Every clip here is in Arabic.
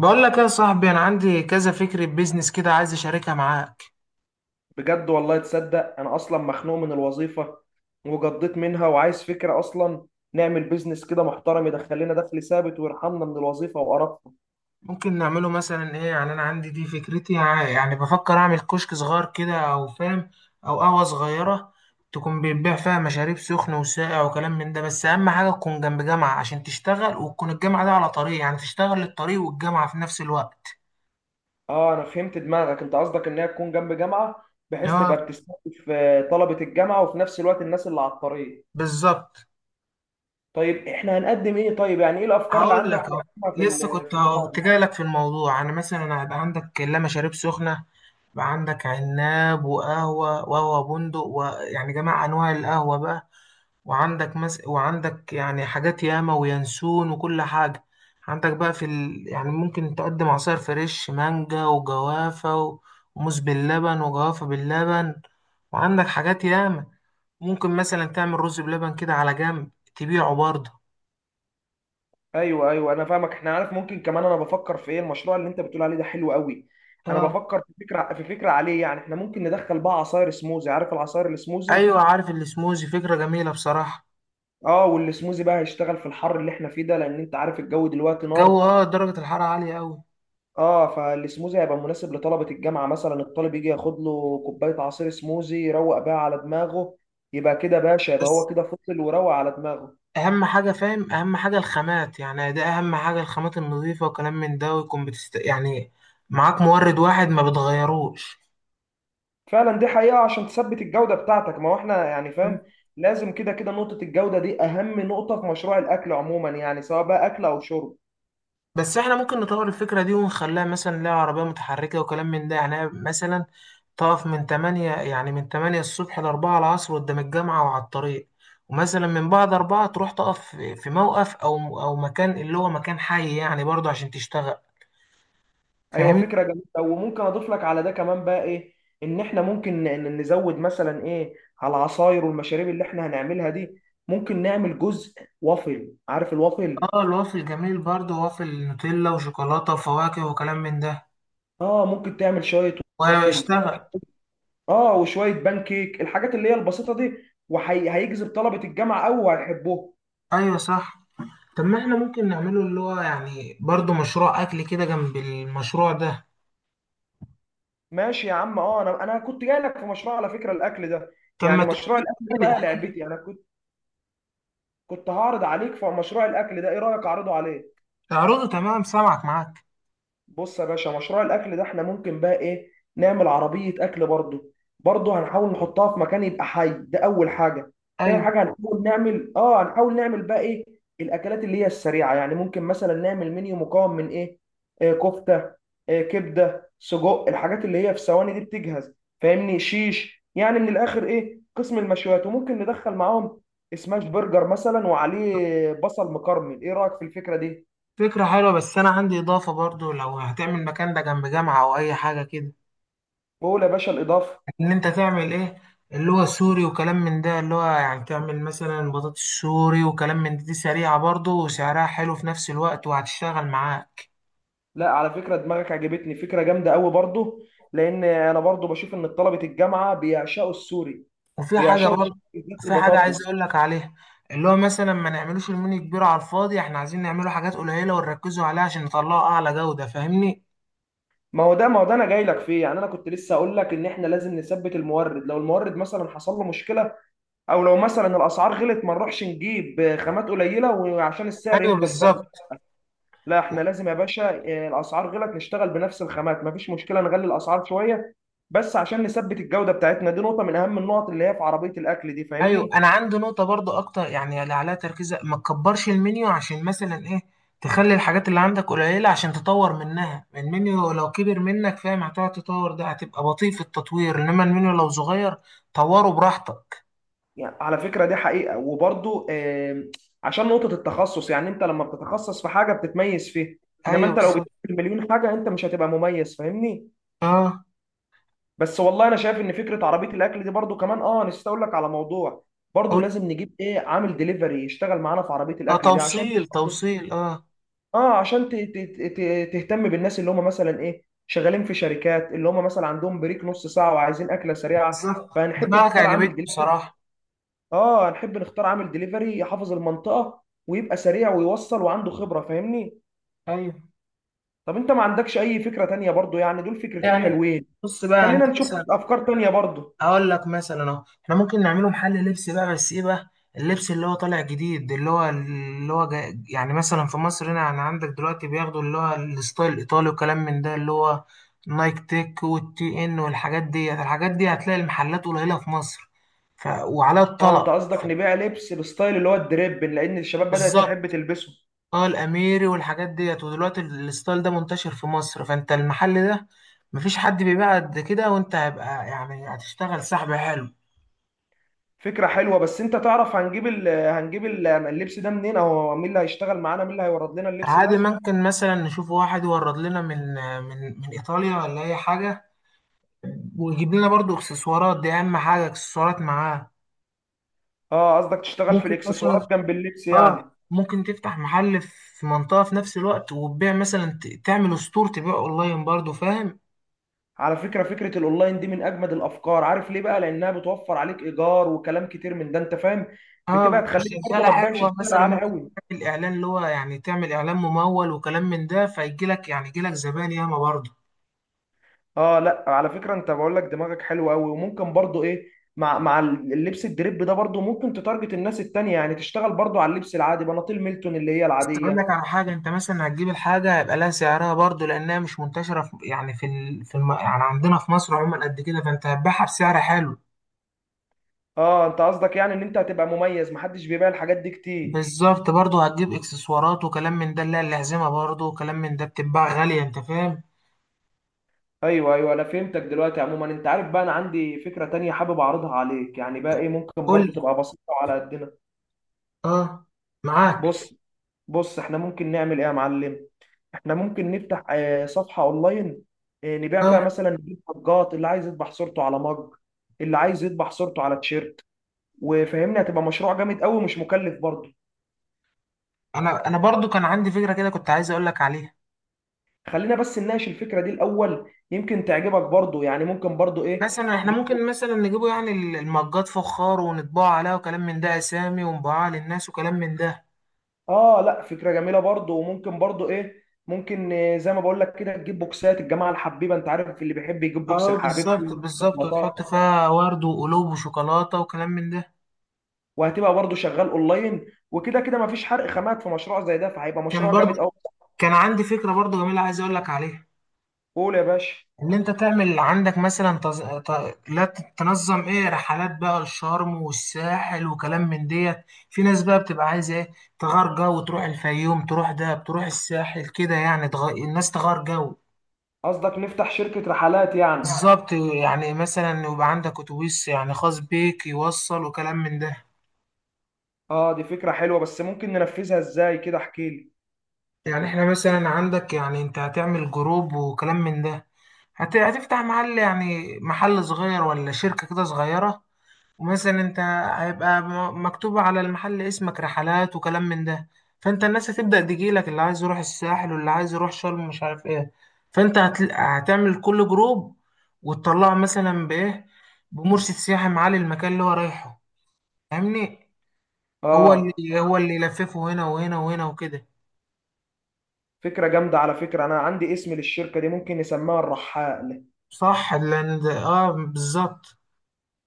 بقول لك يا صاحبي، انا عندي كذا فكرة بيزنس كده عايز اشاركها معاك. بجد والله تصدق، انا اصلا مخنوق من الوظيفه وجضيت منها وعايز فكره اصلا نعمل بيزنس كده محترم يدخل لنا دخل ثابت ويرحمنا من الوظيفه وقرفنا. ممكن نعمله مثلا ايه؟ يعني انا عندي دي فكرتي، يعني بفكر اعمل كشك صغير كده او فاهم، او قهوة صغيرة. تكون بيتباع فيها مشاريب سخن وساقع وكلام من ده، بس اهم حاجة تكون جنب جامعة عشان تشتغل، وتكون الجامعة دي على طريق، يعني تشتغل الطريق والجامعة في نفس الوقت. اه، انا فهمت دماغك. انت قصدك انها تكون جنب جامعه، بحيث اه، تبقى بتستهدف طلبه الجامعه وفي نفس الوقت الناس اللي على الطريق. بالظبط. طيب، احنا هنقدم ايه؟ طيب، يعني ايه الافكار اللي هقول عندك لك اهو، نقدمها في لسه كنت اهو كنت البتاع؟ جاي لك في الموضوع. انا مثلا هيبقى عندك لا مشاريب سخنه، يبقى عندك عناب وقهوه وقهوه بندق، ويعني جميع انواع القهوه بقى. وعندك يعني حاجات ياما وينسون وكل حاجه. عندك بقى يعني ممكن تقدم عصير فريش مانجا وجوافه، وموز باللبن وجوافه باللبن. وعندك حاجات ياما، ممكن مثلا تعمل رز بلبن كده على جنب تبيعه برضه. ايوه، ايوه، انا فاهمك. احنا عارف ممكن كمان، انا بفكر في ايه، المشروع اللي انت بتقول عليه ده حلو قوي. انا بفكر في فكره عليه، يعني احنا ممكن ندخل بقى عصاير سموزي، عارف العصاير السموزي. ايوه، عارف السموزي، فكره جميله بصراحه. اه، والسموزي بقى هيشتغل في الحر اللي احنا فيه ده، لان انت عارف الجو دلوقتي جو، نار. درجه الحراره عاليه قوي. اه، فالسموزي هيبقى مناسب لطلبه الجامعه، مثلا الطالب يجي ياخد له كوبايه عصير سموزي يروق بيها على دماغه. يبقى كده باشا، يبقى هو بس كده فصل وروق على دماغه. اهم حاجه، فاهم؟ اهم حاجه الخامات، يعني ده اهم حاجه، الخامات النظيفه وكلام من ده، ويكون يعني معاك مورد واحد ما بتغيروش. فعلا، دي حقيقة عشان تثبت الجودة بتاعتك. ما هو احنا يعني فاهم، لازم كده كده نقطة الجودة دي أهم نقطة في مشروع الأكل عموما، يعني سواء بقى أكل أو شرب. بس احنا ممكن نطور الفكره دي ونخليها مثلا ليها عربيه متحركه وكلام من ده، يعني مثلا تقف من 8، يعني من 8 الصبح ل 4 العصر قدام الجامعه وعلى الطريق. ومثلا من بعد 4 تروح تقف في موقف او مكان اللي هو مكان حي يعني برضه عشان تشتغل. أيوة، فاهمني؟ فكرة جميلة. وممكن أضيف لك على ده كمان بقى إيه، إن إحنا ممكن نزود مثلا إيه على العصاير والمشاريب اللي إحنا هنعملها دي. ممكن نعمل جزء وافل. عارف الوافل؟ اه، الوافل جميل برضه، وافل نوتيلا وشوكولاته وفواكه وكلام من ده، آه، ممكن تعمل شوية وافل. واشتغل. آه، وشوية بان كيك، الحاجات اللي هي البسيطة دي. وهيجذب طلبة الجامعة أوي وهيحبوها. ايوه صح. طب ما احنا ممكن نعمله اللي هو يعني برضه مشروع اكل كده جنب المشروع ده. ماشي يا عم. اه، انا كنت جاي لك في مشروع على فكره الاكل ده، طب ما يعني مشروع الاكل ده تقولي بقى احكي لي. لعبتي. انا كنت هعرض عليك في مشروع الاكل ده. ايه رايك اعرضه عليك؟ تعرضه، تمام سامعك معاك. بص يا باشا، مشروع الاكل ده احنا ممكن بقى ايه، نعمل عربيه اكل برضه. برضه هنحاول نحطها في مكان يبقى حي، ده اول حاجه. تاني ايوه، حاجه، هنحاول نعمل بقى ايه، الاكلات اللي هي السريعه. يعني ممكن مثلا نعمل منيو مكون من ايه، كفته، كبده، سجق، الحاجات اللي هي في ثواني دي بتجهز. فاهمني؟ شيش، يعني من الاخر ايه، قسم المشويات. وممكن ندخل معاهم سماش برجر مثلا وعليه بصل مكرمل. ايه رايك في الفكره دي؟ فكرة حلوة، بس أنا عندي إضافة برضه. لو هتعمل مكان ده جنب جامعة أو أي حاجة كده، قول يا باشا الاضافه. إن أنت تعمل إيه؟ اللي هو سوري وكلام من ده، اللي هو يعني تعمل مثلا بطاطس سوري وكلام من ده، دي سريعة برضه وسعرها حلو في نفس الوقت، وهتشتغل معاك. لا، على فكرة دماغك عجبتني، فكرة جامدة قوي برضو. لأن أنا برضو بشوف إن طلبة الجامعة بيعشقوا السوري. وفي حاجة بيعشقوا السوري برضه، بالذات في حاجة عايز البطاطس. أقول لك عليها. اللي هو مثلا ما نعملوش المنيو كبير على الفاضي، احنا عايزين نعمله حاجات قليلة ونركزوا عليها عشان نطلعه أعلى جودة. فاهمني؟ ما هو ده أنا جاي لك فيه، يعني أنا كنت لسه أقول لك إن إحنا لازم نثبت المورد. لو المورد مثلا حصل له مشكلة أو لو مثلا الأسعار غلت، ما نروحش نجيب خامات قليلة، وعشان السعر أيوه يفضل ثابت. بالظبط. لا، إحنا لازم يا باشا، الأسعار غلت نشتغل بنفس الخامات، مفيش مشكلة نغلي الأسعار شوية، بس عشان نثبت الجودة بتاعتنا. دي نقطة من أهم النقط اللي هي في عربية الأكل دي، أيوه، فاهمني؟ أنا عندي نقطة برضه أكتر، يعني اللي عليها تركيز ما تكبرش المنيو، عشان مثلا إيه، تخلي الحاجات اللي عندك قليلة عشان تطور منها المنيو. لو كبر منك فاهم، هتقعد تطور، ده هتبقى بطيء في التطوير. إنما المنيو لو صغير، طوره براحتك. يعني على فكرة دي حقيقة. وبرضو عشان نقطة التخصص، يعني انت لما بتتخصص في حاجة بتتميز فيها. انما أيوه انت لو بالظبط. بتعمل مليون حاجة انت مش هتبقى مميز، فاهمني؟ أه. بس والله انا شايف ان فكرة عربية الاكل دي برضو كمان. اه نسيت اقول لك على موضوع، برضو أقول- لازم نجيب ايه، عامل ديليفري يشتغل معانا في عربية آه، الاكل دي، توصيل توصيل، أه. عشان تهتم بالناس اللي هم مثلا ايه، شغالين في شركات اللي هم مثلا عندهم بريك نص ساعة وعايزين أكلة سريعة. بالظبط، فهنحب دماغك نختار عجبتني عامل ديليفري. بصراحة. اه، هنحب نختار عامل ديليفري يحافظ المنطقة ويبقى سريع ويوصل وعنده خبرة، فاهمني؟ ايوه طب، انت ما عندكش اي فكرة تانية برضو؟ يعني دول فكرتين يعني. حلوين. بص بقى، يعني انت خلينا نشوف مثلا، افكار تانية برضو. هقول لك مثلا اهو، احنا ممكن نعمله محل لبس بقى، بس ايه بقى؟ اللبس اللي هو طالع جديد، اللي هو جاي يعني. مثلا في مصر هنا، يعني عندك دلوقتي بياخدوا اللي هو الستايل الايطالي وكلام من ده، اللي هو نايك تيك والتي ان والحاجات دي. الحاجات دي هتلاقي المحلات قليلة في مصر، وعلى اه، انت الطلب. قصدك نبيع لبس بستايل اللي هو الدريب، لان الشباب بدأت بالظبط. تحب تلبسه. اه، الاميري والحاجات ديت. ودلوقتي الستايل ده منتشر في مصر، فانت المحل ده مفيش حد بيبيع قد كده، وانت هيبقى يعني هتشتغل سحب حلو. فكرة حلوة. بس انت تعرف هنجيب ال هنجيب ال اللبس ده منين؟ او مين اللي هيشتغل معانا؟ مين اللي هيورد لنا اللبس عادي، ده؟ ممكن مثلا نشوف واحد يورد لنا من ايطاليا ولا اي حاجه، ويجيب لنا برضو اكسسوارات. دي اهم حاجه، اكسسوارات معاه. اه، قصدك تشتغل في ممكن مثلا، الاكسسوارات جنب اللبس يعني. اه ممكن تفتح محل في منطقه في نفس الوقت، وتبيع مثلا، تعمل ستور تبيع اونلاين برضو. فاهم؟ على فكرة فكرة الاونلاين دي من اجمد الافكار، عارف ليه بقى؟ لانها بتوفر عليك ايجار وكلام كتير من ده، انت فاهم. اه، بتبقى تخليك برضو وشغاله ما تبيعش حلوه. بسعر مثلا عالي ممكن قوي. تعمل اعلان، اللي هو يعني تعمل اعلان ممول وكلام من ده، فيجي لك يعني يجي لك زبائن ياما برضه. اه، لا، على فكرة انت بقول لك دماغك حلو قوي. وممكن برضو ايه، مع اللبس الدريب ده برضو ممكن تتارجت الناس التانية، يعني تشتغل برضو على اللبس العادي، بناطيل ميلتون اللي هي بس اقول العادية. لك على حاجه، انت مثلا هتجيب الحاجه هيبقى لها سعرها برضه، لانها مش منتشره في، يعني يعني عندنا في مصر عموما قد كده. فانت هتبيعها بسعر حلو. اه، انت قصدك يعني ان انت هتبقى مميز، محدش بيبيع الحاجات دي كتير. بالظبط. برضه هتجيب اكسسوارات وكلام من ده، اللي هي الأحزمة برضه وكلام من ده، بتتباع غاليه انت فاهم. ايوه، ايوه، انا فهمتك دلوقتي. عموما انت عارف بقى، انا عندي فكرة تانية حابب اعرضها عليك، يعني بقى ايه ممكن قول لي. برضو تبقى بسيطة على قدنا. اه، معاك. بص، بص احنا ممكن نعمل ايه يا معلم. احنا ممكن نفتح صفحة اونلاين، نبيع فيها اه، مثلا، نجيب مجات اللي عايز يطبع صورته على مج، اللي عايز يطبع صورته على تيشيرت. وفهمني، هتبقى مشروع جامد قوي ومش مكلف برضه. انا برضه كان عندي فكره كده، كنت عايز اقول لك عليها. خلينا بس نناقش الفكرة دي الاول، يمكن تعجبك برضه. يعني ممكن برضه ايه، مثلا احنا تجيب. ممكن مثلا نجيبه، يعني المجات فخار، ونطبعه عليها وكلام من ده، اسامي، ونبيعها للناس وكلام من ده. اه، لا، فكرة جميلة برضه. وممكن برضه ايه، ممكن زي ما بقول لك كده، تجيب بوكسات الجماعة الحبيبة، انت عارف اللي بيحب يجيب بوكس اه، بالظبط لحبيبته. بالظبط، وتحط فيها ورد وقلوب وشوكولاته وكلام من ده. وهتبقى برضه شغال اونلاين، وكده كده مفيش حرق خامات في مشروع زي ده، فهيبقى كان مشروع جامد برضه. قوي. كان عندي فكره برضه جميله، عايز اقول لك عليها. قول يا باشا. ان انت تعمل عندك مثلا، لا تنظم ايه رحلات بقى الشرم والساحل وكلام من ديت. في ناس بقى بتبقى عايزه ايه، تغير جو، وتروح الفيوم، تروح دهب، تروح الساحل كده. يعني الناس تغير جو. قصدك نفتح شركة رحلات يعني. بالظبط. يعني مثلا يبقى عندك اتوبيس يعني خاص بيك يوصل وكلام من ده. اه، دي فكرة حلوة، بس ممكن ننفذها ازاي كده؟ احكي لي. يعني احنا مثلا، عندك يعني، انت هتعمل جروب وكلام من ده، هتفتح محل يعني، محل صغير ولا شركة كده صغيرة. ومثلا انت هيبقى مكتوب على المحل اسمك رحلات وكلام من ده. فانت الناس هتبدأ تجيلك، اللي عايز يروح الساحل واللي عايز يروح شرم مش عارف ايه. فانت هتعمل كل جروب، وتطلعه مثلا بايه، بمرشد سياحي معالي المكان اللي هو رايحه. فاهمني؟ هو اه، اللي هو اللي يلففه هنا وهنا وهنا وكده. فكرة جامدة على فكرة. انا عندي اسم للشركة دي، ممكن نسميها الرحال. صح، لان اه، بالظبط.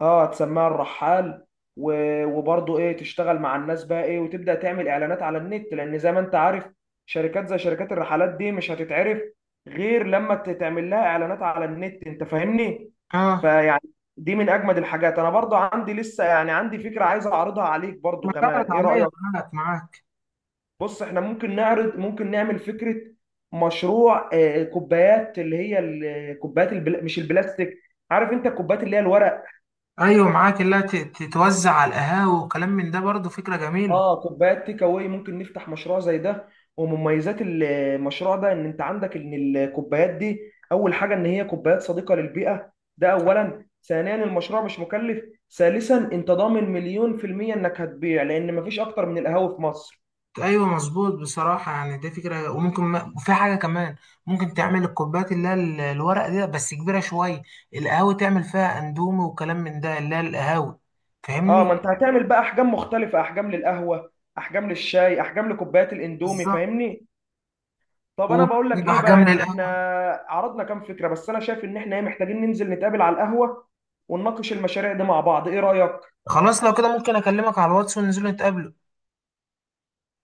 اه، تسميها الرحال. وبرضه ايه، تشتغل مع الناس بقى ايه، وتبدا تعمل اعلانات على النت. لان زي ما انت عارف، شركات زي شركات الرحلات دي مش هتتعرف غير لما تعمل لها اعلانات على النت، انت فاهمني؟ اه، فيعني، دي من اجمد الحاجات. انا برضه عندي لسه، يعني عندي فكره عايز اعرضها عليك برضه ما فعلا كمان، ايه رايك؟ عليا. معاك معاك. بص، احنا ممكن نعرض، ممكن نعمل فكره مشروع كوبايات اللي هي الكوبايات البلا... مش البلاستيك. عارف انت الكوبايات اللي هي الورق. ايوه معاك، اللي هي، تتوزع على القهاوي وكلام من ده برضه. فكره جميله. اه، كوبايات تيك اواي، ممكن نفتح مشروع زي ده. ومميزات المشروع ده ان انت عندك ان الكوبايات دي اول حاجه ان هي كوبايات صديقه للبيئه. ده اولا. ثانيا، المشروع مش مكلف. ثالثا، انت ضامن 100% انك هتبيع، لان مفيش اكتر من القهاوي في مصر. ايوه مظبوط بصراحه، يعني دي فكره. وممكن ما... وفي حاجه كمان، ممكن تعمل الكوبايات اللي هي الورق دي، بس كبيره شويه، القهاوي تعمل فيها اندومي وكلام من ده، اللي هي القهاوي. اه، ما فاهمني؟ انت هتعمل بقى احجام مختلفه، احجام للقهوه، احجام للشاي، احجام لكوبايات الاندومي، بالظبط، فاهمني؟ طب، انا بقول لك ايه بقى، واحجام يعني احنا للقهوه. عرضنا كام فكره، بس انا شايف ان احنا محتاجين ننزل نتقابل على القهوه ونناقش المشاريع دي مع بعض. ايه رايك؟ خلاص، لو كده ممكن اكلمك على الواتس وننزل نتقابل.